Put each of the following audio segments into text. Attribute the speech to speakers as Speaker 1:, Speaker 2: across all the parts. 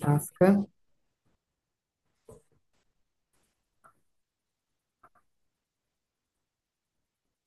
Speaker 1: Task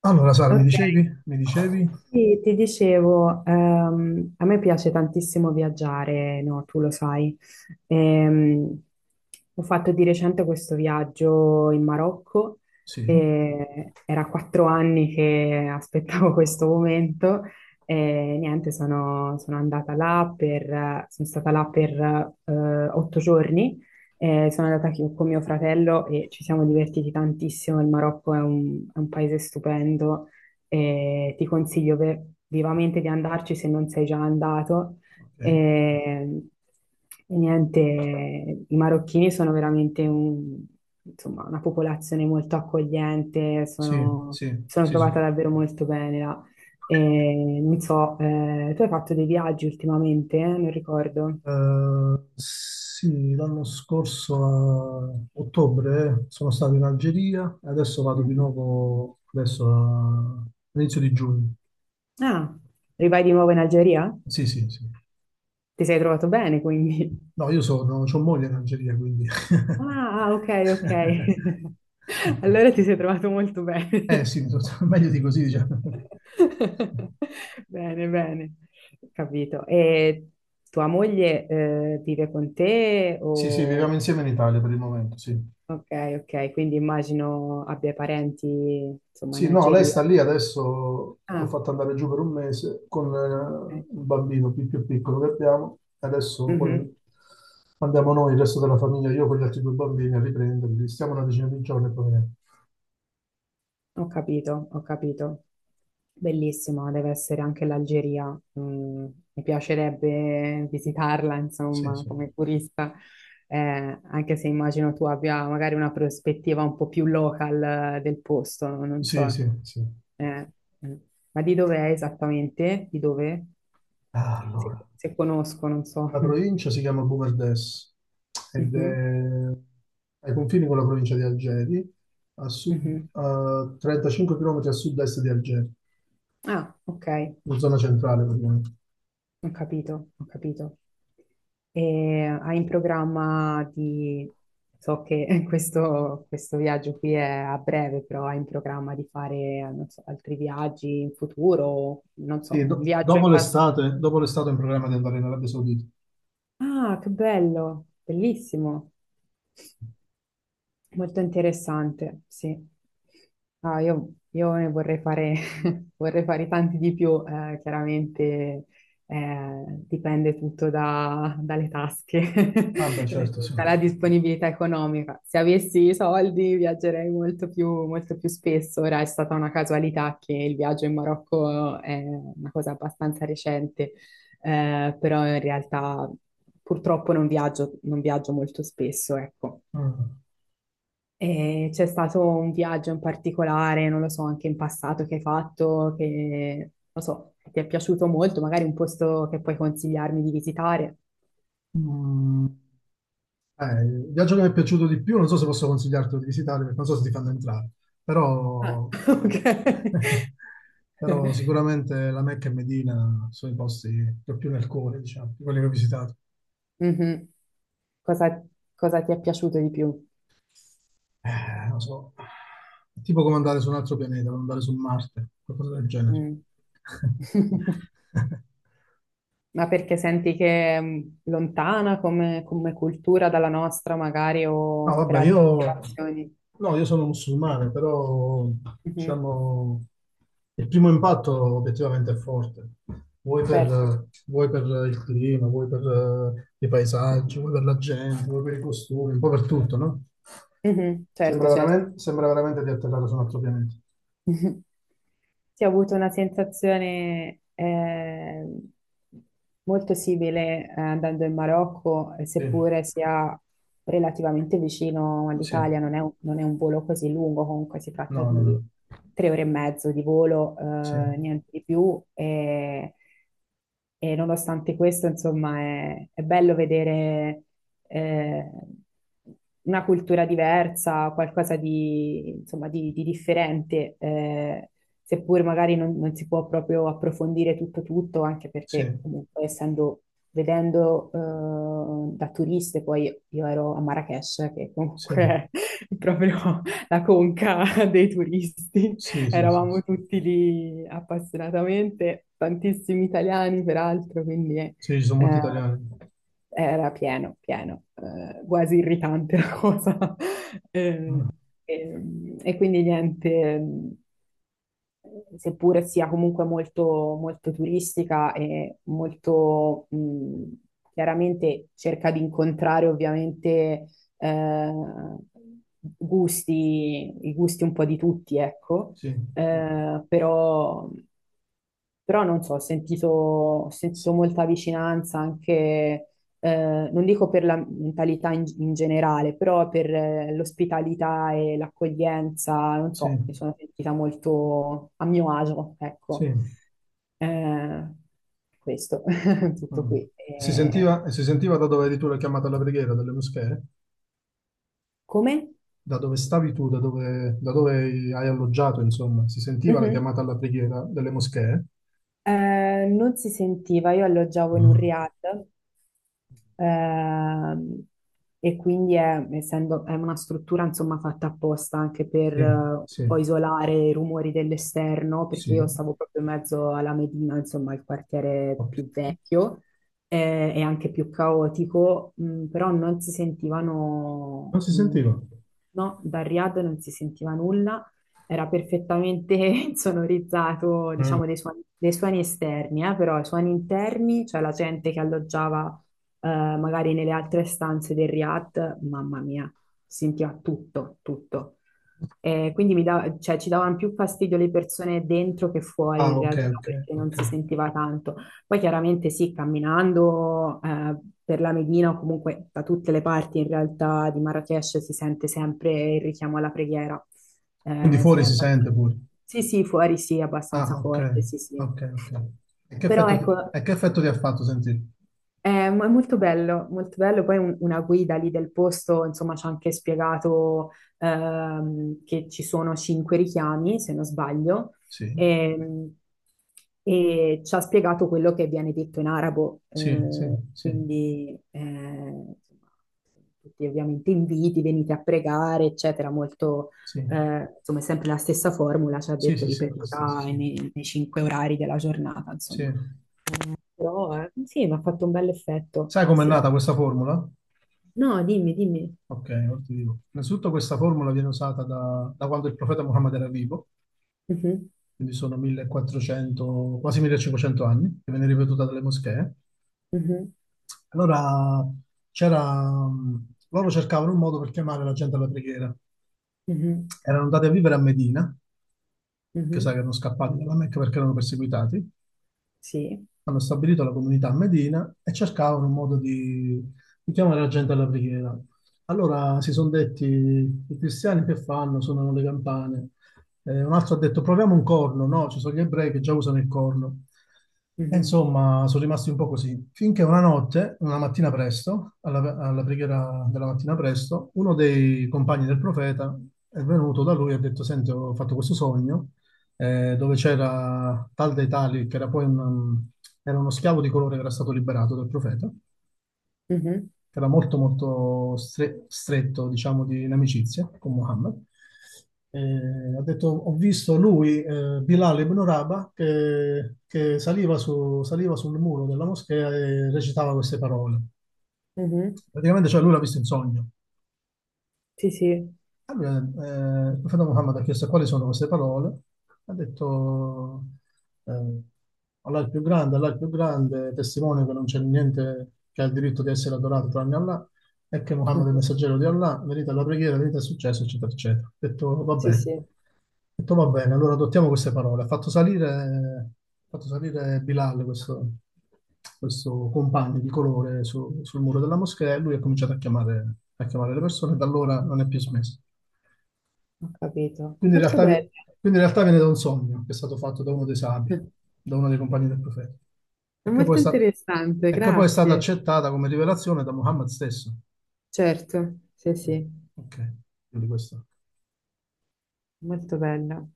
Speaker 2: Allora, Sara, mi
Speaker 1: Ok,
Speaker 2: dicevi? Mi dicevi?
Speaker 1: sì, ti dicevo, a me piace tantissimo viaggiare, no, tu lo sai. Ehm, ho fatto di recente questo viaggio in Marocco
Speaker 2: Sì,
Speaker 1: e era 4 anni che aspettavo questo momento e niente, sono andata sono stata là per 8 giorni. Sono andata con mio fratello e ci siamo divertiti tantissimo. Il Marocco è è un paese stupendo e ti consiglio vivamente di andarci se non sei già andato.
Speaker 2: ok.
Speaker 1: E, e niente, i marocchini sono veramente insomma, una popolazione molto accogliente,
Speaker 2: Sì, sì,
Speaker 1: sono
Speaker 2: sì, sì.
Speaker 1: trovata davvero molto bene là. E, non so, tu hai fatto dei viaggi ultimamente? Eh? Non ricordo.
Speaker 2: Sì, l'anno scorso a ottobre sono stato in Algeria e adesso vado di
Speaker 1: Mm.
Speaker 2: nuovo, adesso all'inizio di giugno.
Speaker 1: Ah, rivai di nuovo in Algeria?
Speaker 2: Sì, sì, sì.
Speaker 1: Ti sei trovato bene, quindi.
Speaker 2: No, c'ho moglie in Algeria, quindi...
Speaker 1: Ah, ah, ok, ok. Allora ti sei trovato molto bene.
Speaker 2: Eh sì, meglio di così, diciamo.
Speaker 1: Bene, bene, capito. E tua moglie vive con te
Speaker 2: Sì, sì, viviamo
Speaker 1: o...
Speaker 2: insieme in Italia per il momento, sì.
Speaker 1: Ok, ok, quindi immagino abbia parenti, insomma, in
Speaker 2: Sì, no, lei sta
Speaker 1: Algeria.
Speaker 2: lì adesso, l'ho
Speaker 1: Ah,
Speaker 2: fatta andare giù per un mese con
Speaker 1: ok.
Speaker 2: il bambino più piccolo che abbiamo, adesso poi
Speaker 1: Mhm.
Speaker 2: andiamo noi, il resto della famiglia, io con gli altri due bambini a riprenderli, stiamo una decina di giorni e poi veniamo.
Speaker 1: Ho capito, ho capito. Bellissima, deve essere anche l'Algeria. Mm, mi piacerebbe visitarla,
Speaker 2: Sì,
Speaker 1: insomma,
Speaker 2: sì,
Speaker 1: come turista, anche se immagino tu abbia magari una prospettiva un po' più local del posto, no, non
Speaker 2: sì,
Speaker 1: so.
Speaker 2: sì, sì.
Speaker 1: Eh, mm. Ma di dove è esattamente? Di dove?
Speaker 2: Ah, allora,
Speaker 1: Se conosco, non so.
Speaker 2: la provincia si chiama Boumerdès ed
Speaker 1: Mhm,
Speaker 2: è ai confini con la provincia di Algeri, a sud,
Speaker 1: mhm.
Speaker 2: a 35 km a sud-est di Algeri,
Speaker 1: Ah, ok,
Speaker 2: in zona centrale, praticamente.
Speaker 1: ho capito, ho capito. E hai in programma di... So che questo viaggio qui è a breve, però hai in programma di fare, non so, altri viaggi in futuro? Non so,
Speaker 2: Sì,
Speaker 1: un viaggio in passato.
Speaker 2: dopo l'estate ho in programma di andare in Arabia Saudita.
Speaker 1: Ah, che bello, bellissimo. Molto interessante, sì. Ah, io ne vorrei fare, vorrei fare tanti di più, chiaramente dipende tutto dalle tasche,
Speaker 2: Ah, beh, certo, sì.
Speaker 1: dalla disponibilità economica. Se avessi i soldi viaggerei molto più spesso, ora è stata una casualità che il viaggio in Marocco è una cosa abbastanza recente, però in realtà purtroppo non viaggio molto spesso, ecco.
Speaker 2: Mm.
Speaker 1: E c'è stato un viaggio in particolare, non lo so, anche in passato che hai fatto, che non so, ti è piaciuto molto, magari un posto che puoi consigliarmi di visitare.
Speaker 2: Mm, il viaggio che mi è piaciuto di più, non so se posso consigliarti di visitare, perché non so se ti fanno entrare,
Speaker 1: Ah,
Speaker 2: però,
Speaker 1: ok.
Speaker 2: però sicuramente la Mecca e Medina sono i posti che ho più nel cuore, diciamo, di quelli che ho visitato.
Speaker 1: Mhm. Cosa, cosa ti è piaciuto di più?
Speaker 2: Non so, è tipo come andare su un altro pianeta, come andare su Marte, qualcosa del genere.
Speaker 1: Mm. Ma perché senti che è lontana come cultura dalla nostra, magari,
Speaker 2: No,
Speaker 1: o per
Speaker 2: vabbè,
Speaker 1: altre motivazioni?
Speaker 2: no, io sono musulmano, però
Speaker 1: Mhm.
Speaker 2: diciamo il primo impatto obiettivamente è forte.
Speaker 1: Certo,
Speaker 2: Vuoi per il clima, vuoi per i paesaggi, vuoi per la gente, vuoi per i costumi, un po' per tutto, no?
Speaker 1: mhm. Certo, certo.
Speaker 2: Sembra veramente di atterrare su un altro pianeta.
Speaker 1: Sì, ho avuto una sensazione molto simile andando in Marocco,
Speaker 2: Sì,
Speaker 1: seppure sia relativamente vicino
Speaker 2: sì,
Speaker 1: all'Italia, non è un volo così lungo, comunque si tratta
Speaker 2: no, no,
Speaker 1: di
Speaker 2: no.
Speaker 1: 3 ore e mezzo di volo,
Speaker 2: Sì,
Speaker 1: niente di più. E nonostante questo, insomma, è bello vedere eh, una cultura diversa, qualcosa di, insomma, di differente, seppur magari non si può proprio approfondire tutto tutto, anche
Speaker 2: sì,
Speaker 1: perché comunque essendo, vedendo da turiste, poi io ero a Marrakech, che
Speaker 2: sì,
Speaker 1: comunque è proprio la conca dei turisti,
Speaker 2: sì, sì, sì, sì.
Speaker 1: eravamo tutti lì appassionatamente, tantissimi italiani peraltro, quindi...
Speaker 2: Sì, ci sono molti
Speaker 1: eh,
Speaker 2: italiani.
Speaker 1: era pieno, pieno, quasi irritante la cosa. Eh,
Speaker 2: Mm.
Speaker 1: E, e quindi niente, seppure sia comunque molto, molto turistica e molto chiaramente cerca di incontrare ovviamente eh, i gusti un po' di tutti, ecco,
Speaker 2: Sì,
Speaker 1: però. Però non so, ho sentito
Speaker 2: sì,
Speaker 1: molta vicinanza anche, non dico per la mentalità in generale, però per l'ospitalità e l'accoglienza, non
Speaker 2: sì,
Speaker 1: so, mi sono sentita molto a mio agio, ecco.
Speaker 2: sì.
Speaker 1: Eh, questo, tutto
Speaker 2: Mm.
Speaker 1: qui.
Speaker 2: Si
Speaker 1: Eh,
Speaker 2: sentiva, e si sentiva da dove eri tu la chiamata alla preghiera delle moschee?
Speaker 1: come?
Speaker 2: Da dove stavi tu, da dove hai alloggiato, insomma, si sentiva la
Speaker 1: Mhm.
Speaker 2: chiamata alla preghiera delle moschee?
Speaker 1: Non si sentiva, io alloggiavo in un
Speaker 2: Mm.
Speaker 1: riad. Ehm, e quindi è una struttura insomma fatta apposta anche per
Speaker 2: Sì,
Speaker 1: un
Speaker 2: sì,
Speaker 1: po' isolare i rumori dell'esterno, perché io
Speaker 2: sì.
Speaker 1: stavo proprio in mezzo alla Medina, insomma il quartiere
Speaker 2: Ok.
Speaker 1: più vecchio e anche più caotico, però non si
Speaker 2: Non
Speaker 1: sentivano,
Speaker 2: si sentiva.
Speaker 1: no, da Riyadh non si sentiva nulla, era perfettamente insonorizzato,
Speaker 2: Mm.
Speaker 1: diciamo, dei suoni esterni, però i suoni interni, cioè la gente che alloggiava magari nelle altre stanze del Riad, mamma mia, sentiva tutto, tutto. E quindi cioè, ci davano più fastidio le persone dentro che fuori
Speaker 2: Ah,
Speaker 1: in
Speaker 2: ok,
Speaker 1: realtà
Speaker 2: ok,
Speaker 1: perché
Speaker 2: ok.
Speaker 1: non si sentiva tanto. Poi chiaramente sì, camminando per la Medina o comunque da tutte le parti in realtà di Marrakech si sente sempre il richiamo alla preghiera.
Speaker 2: Quindi
Speaker 1: Eh, sì,
Speaker 2: fuori
Speaker 1: è
Speaker 2: si
Speaker 1: abbast-
Speaker 2: sente pure.
Speaker 1: sì, sì, fuori sì, è abbastanza
Speaker 2: Ah, ok,
Speaker 1: forte, sì, sì.
Speaker 2: ok, ok. E che
Speaker 1: Però
Speaker 2: effetto ti,
Speaker 1: ecco,
Speaker 2: e che effetto ti ha fatto sentire?
Speaker 1: è molto bello, molto bello. Poi una guida lì del posto, insomma, ci ha anche spiegato che ci sono cinque richiami, se non sbaglio,
Speaker 2: Sì,
Speaker 1: ehm, e, ci ha spiegato quello che viene detto in arabo.
Speaker 2: sì, sì,
Speaker 1: eh,
Speaker 2: sì,
Speaker 1: quindi, insomma, tutti ovviamente inviti, venite a pregare, eccetera, molto,
Speaker 2: sì,
Speaker 1: insomma, è sempre la stessa formula, ci ha
Speaker 2: sì,
Speaker 1: detto
Speaker 2: sì, sì, sembra lo stesso,
Speaker 1: ripetuta
Speaker 2: sì.
Speaker 1: nei cinque orari della giornata,
Speaker 2: Sì.
Speaker 1: però, sì, mi ha fatto un bel effetto,
Speaker 2: Sai com'è
Speaker 1: sì.
Speaker 2: nata questa formula?
Speaker 1: No, dimmi, dimmi.
Speaker 2: Ok, ora ti dico. Innanzitutto questa formula viene usata da quando il profeta Muhammad era vivo,
Speaker 1: Mhm,
Speaker 2: quindi sono 1400, quasi 1500 anni, che viene ripetuta dalle moschee.
Speaker 1: mhm,
Speaker 2: Allora loro cercavano un modo per chiamare la gente alla preghiera.
Speaker 1: mhm,
Speaker 2: Erano andati a vivere a Medina, che sai che
Speaker 1: mhm,
Speaker 2: erano scappati dalla Mecca perché erano perseguitati,
Speaker 1: sì.
Speaker 2: hanno stabilito la comunità a Medina e cercavano un modo di chiamare la gente alla preghiera. Allora si sono detti, i cristiani che fanno? Suonano le campane. Un altro ha detto, proviamo un corno. No, ci sono gli ebrei che già usano il corno. E
Speaker 1: Mhm,
Speaker 2: insomma, sono rimasti un po' così. Finché una mattina presto, alla preghiera della mattina presto, uno dei compagni del profeta è venuto da lui e ha detto, senti, ho fatto questo sogno dove c'era Tal dei Tali, che era poi era uno schiavo di colore che era stato liberato dal profeta, che
Speaker 1: mhm,
Speaker 2: era molto molto stretto, diciamo, di in amicizia con Muhammad. Ha detto, ho visto lui, Bilal ibn Rabah, che saliva sul muro della moschea e recitava queste parole.
Speaker 1: mhm,
Speaker 2: Praticamente, cioè, lui l'ha visto in sogno.
Speaker 1: sì, sì.
Speaker 2: Allora, il profeta Muhammad ha chiesto quali sono queste parole. Ha detto, eh, Allah è il più grande, Allah è il più grande, testimone che non c'è niente che ha il diritto di essere adorato tranne Allah, e che Muhammad è il
Speaker 1: Mhm,
Speaker 2: messaggero di Allah, merita la preghiera, merita il successo, eccetera, eccetera. Ha detto, va
Speaker 1: sì, sì,
Speaker 2: bene.
Speaker 1: ho
Speaker 2: Ha detto, va bene, allora adottiamo queste parole. Ha fatto salire Bilal, questo compagno di colore, sul muro della moschea, e lui ha cominciato a chiamare le persone, e da allora non è più smesso.
Speaker 1: capito.
Speaker 2: Quindi in
Speaker 1: Molto
Speaker 2: realtà, vi-
Speaker 1: bello.
Speaker 2: quindi in realtà viene da un sogno che è stato fatto da uno dei sabi,
Speaker 1: È
Speaker 2: da uno dei compagni del profeta, e che poi
Speaker 1: molto interessante,
Speaker 2: è stata
Speaker 1: grazie.
Speaker 2: accettata come rivelazione da Muhammad stesso.
Speaker 1: Certo, sì, sì,
Speaker 2: Ok, quindi questo.
Speaker 1: molto bello.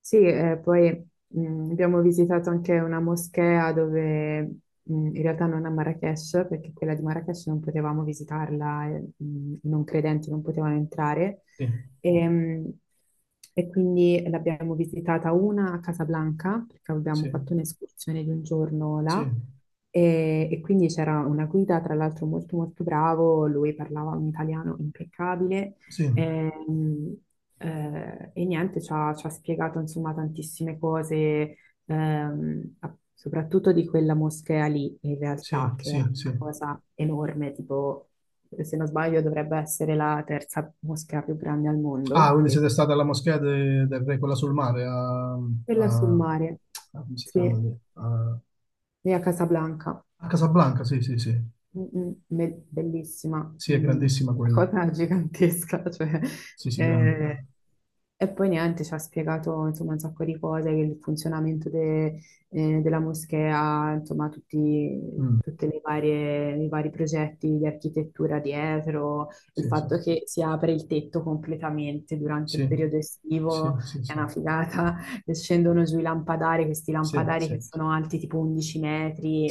Speaker 1: Sì, poi abbiamo visitato anche una moschea dove in realtà non a Marrakech, perché quella di Marrakech non potevamo visitarla, i non credenti non potevano entrare.
Speaker 2: Sì,
Speaker 1: E, mh, e quindi l'abbiamo visitata una a Casablanca, perché abbiamo
Speaker 2: sì,
Speaker 1: fatto un'escursione di un giorno
Speaker 2: sì,
Speaker 1: là. E quindi c'era una guida, tra l'altro molto molto bravo, lui parlava un italiano impeccabile.
Speaker 2: sì,
Speaker 1: Ehm, e niente, ci ha spiegato insomma tantissime cose, soprattutto di quella moschea lì, in realtà,
Speaker 2: sì,
Speaker 1: che è
Speaker 2: sì, sì.
Speaker 1: una cosa enorme, tipo, se non sbaglio, dovrebbe essere la terza moschea più grande al
Speaker 2: Ah,
Speaker 1: mondo,
Speaker 2: quindi
Speaker 1: credo.
Speaker 2: siete stati alla moschea del re, quella sul mare,
Speaker 1: Quella sul mare,
Speaker 2: come si chiama
Speaker 1: sì,
Speaker 2: lì? A,
Speaker 1: lì a Casablanca.
Speaker 2: a Casablanca, sì, sì, sì.
Speaker 1: Mm, mm, bellissima,
Speaker 2: Sì, è
Speaker 1: mm, una
Speaker 2: grandissima quella.
Speaker 1: cosa gigantesca, cioè,
Speaker 2: Sì, sì, grande,
Speaker 1: eh,
Speaker 2: grande.
Speaker 1: e poi niente, ci ha spiegato insomma, un sacco di cose, il funzionamento della moschea, insomma
Speaker 2: Mm,
Speaker 1: i vari progetti di architettura dietro, il
Speaker 2: sì, sì,
Speaker 1: fatto
Speaker 2: sì.
Speaker 1: che si apre il tetto completamente durante il
Speaker 2: Sì.
Speaker 1: periodo
Speaker 2: Sì,
Speaker 1: estivo,
Speaker 2: sì,
Speaker 1: è
Speaker 2: sì,
Speaker 1: una figata, e scendono giù i lampadari, questi
Speaker 2: sì,
Speaker 1: lampadari che
Speaker 2: sì.
Speaker 1: sono alti tipo 11 metri.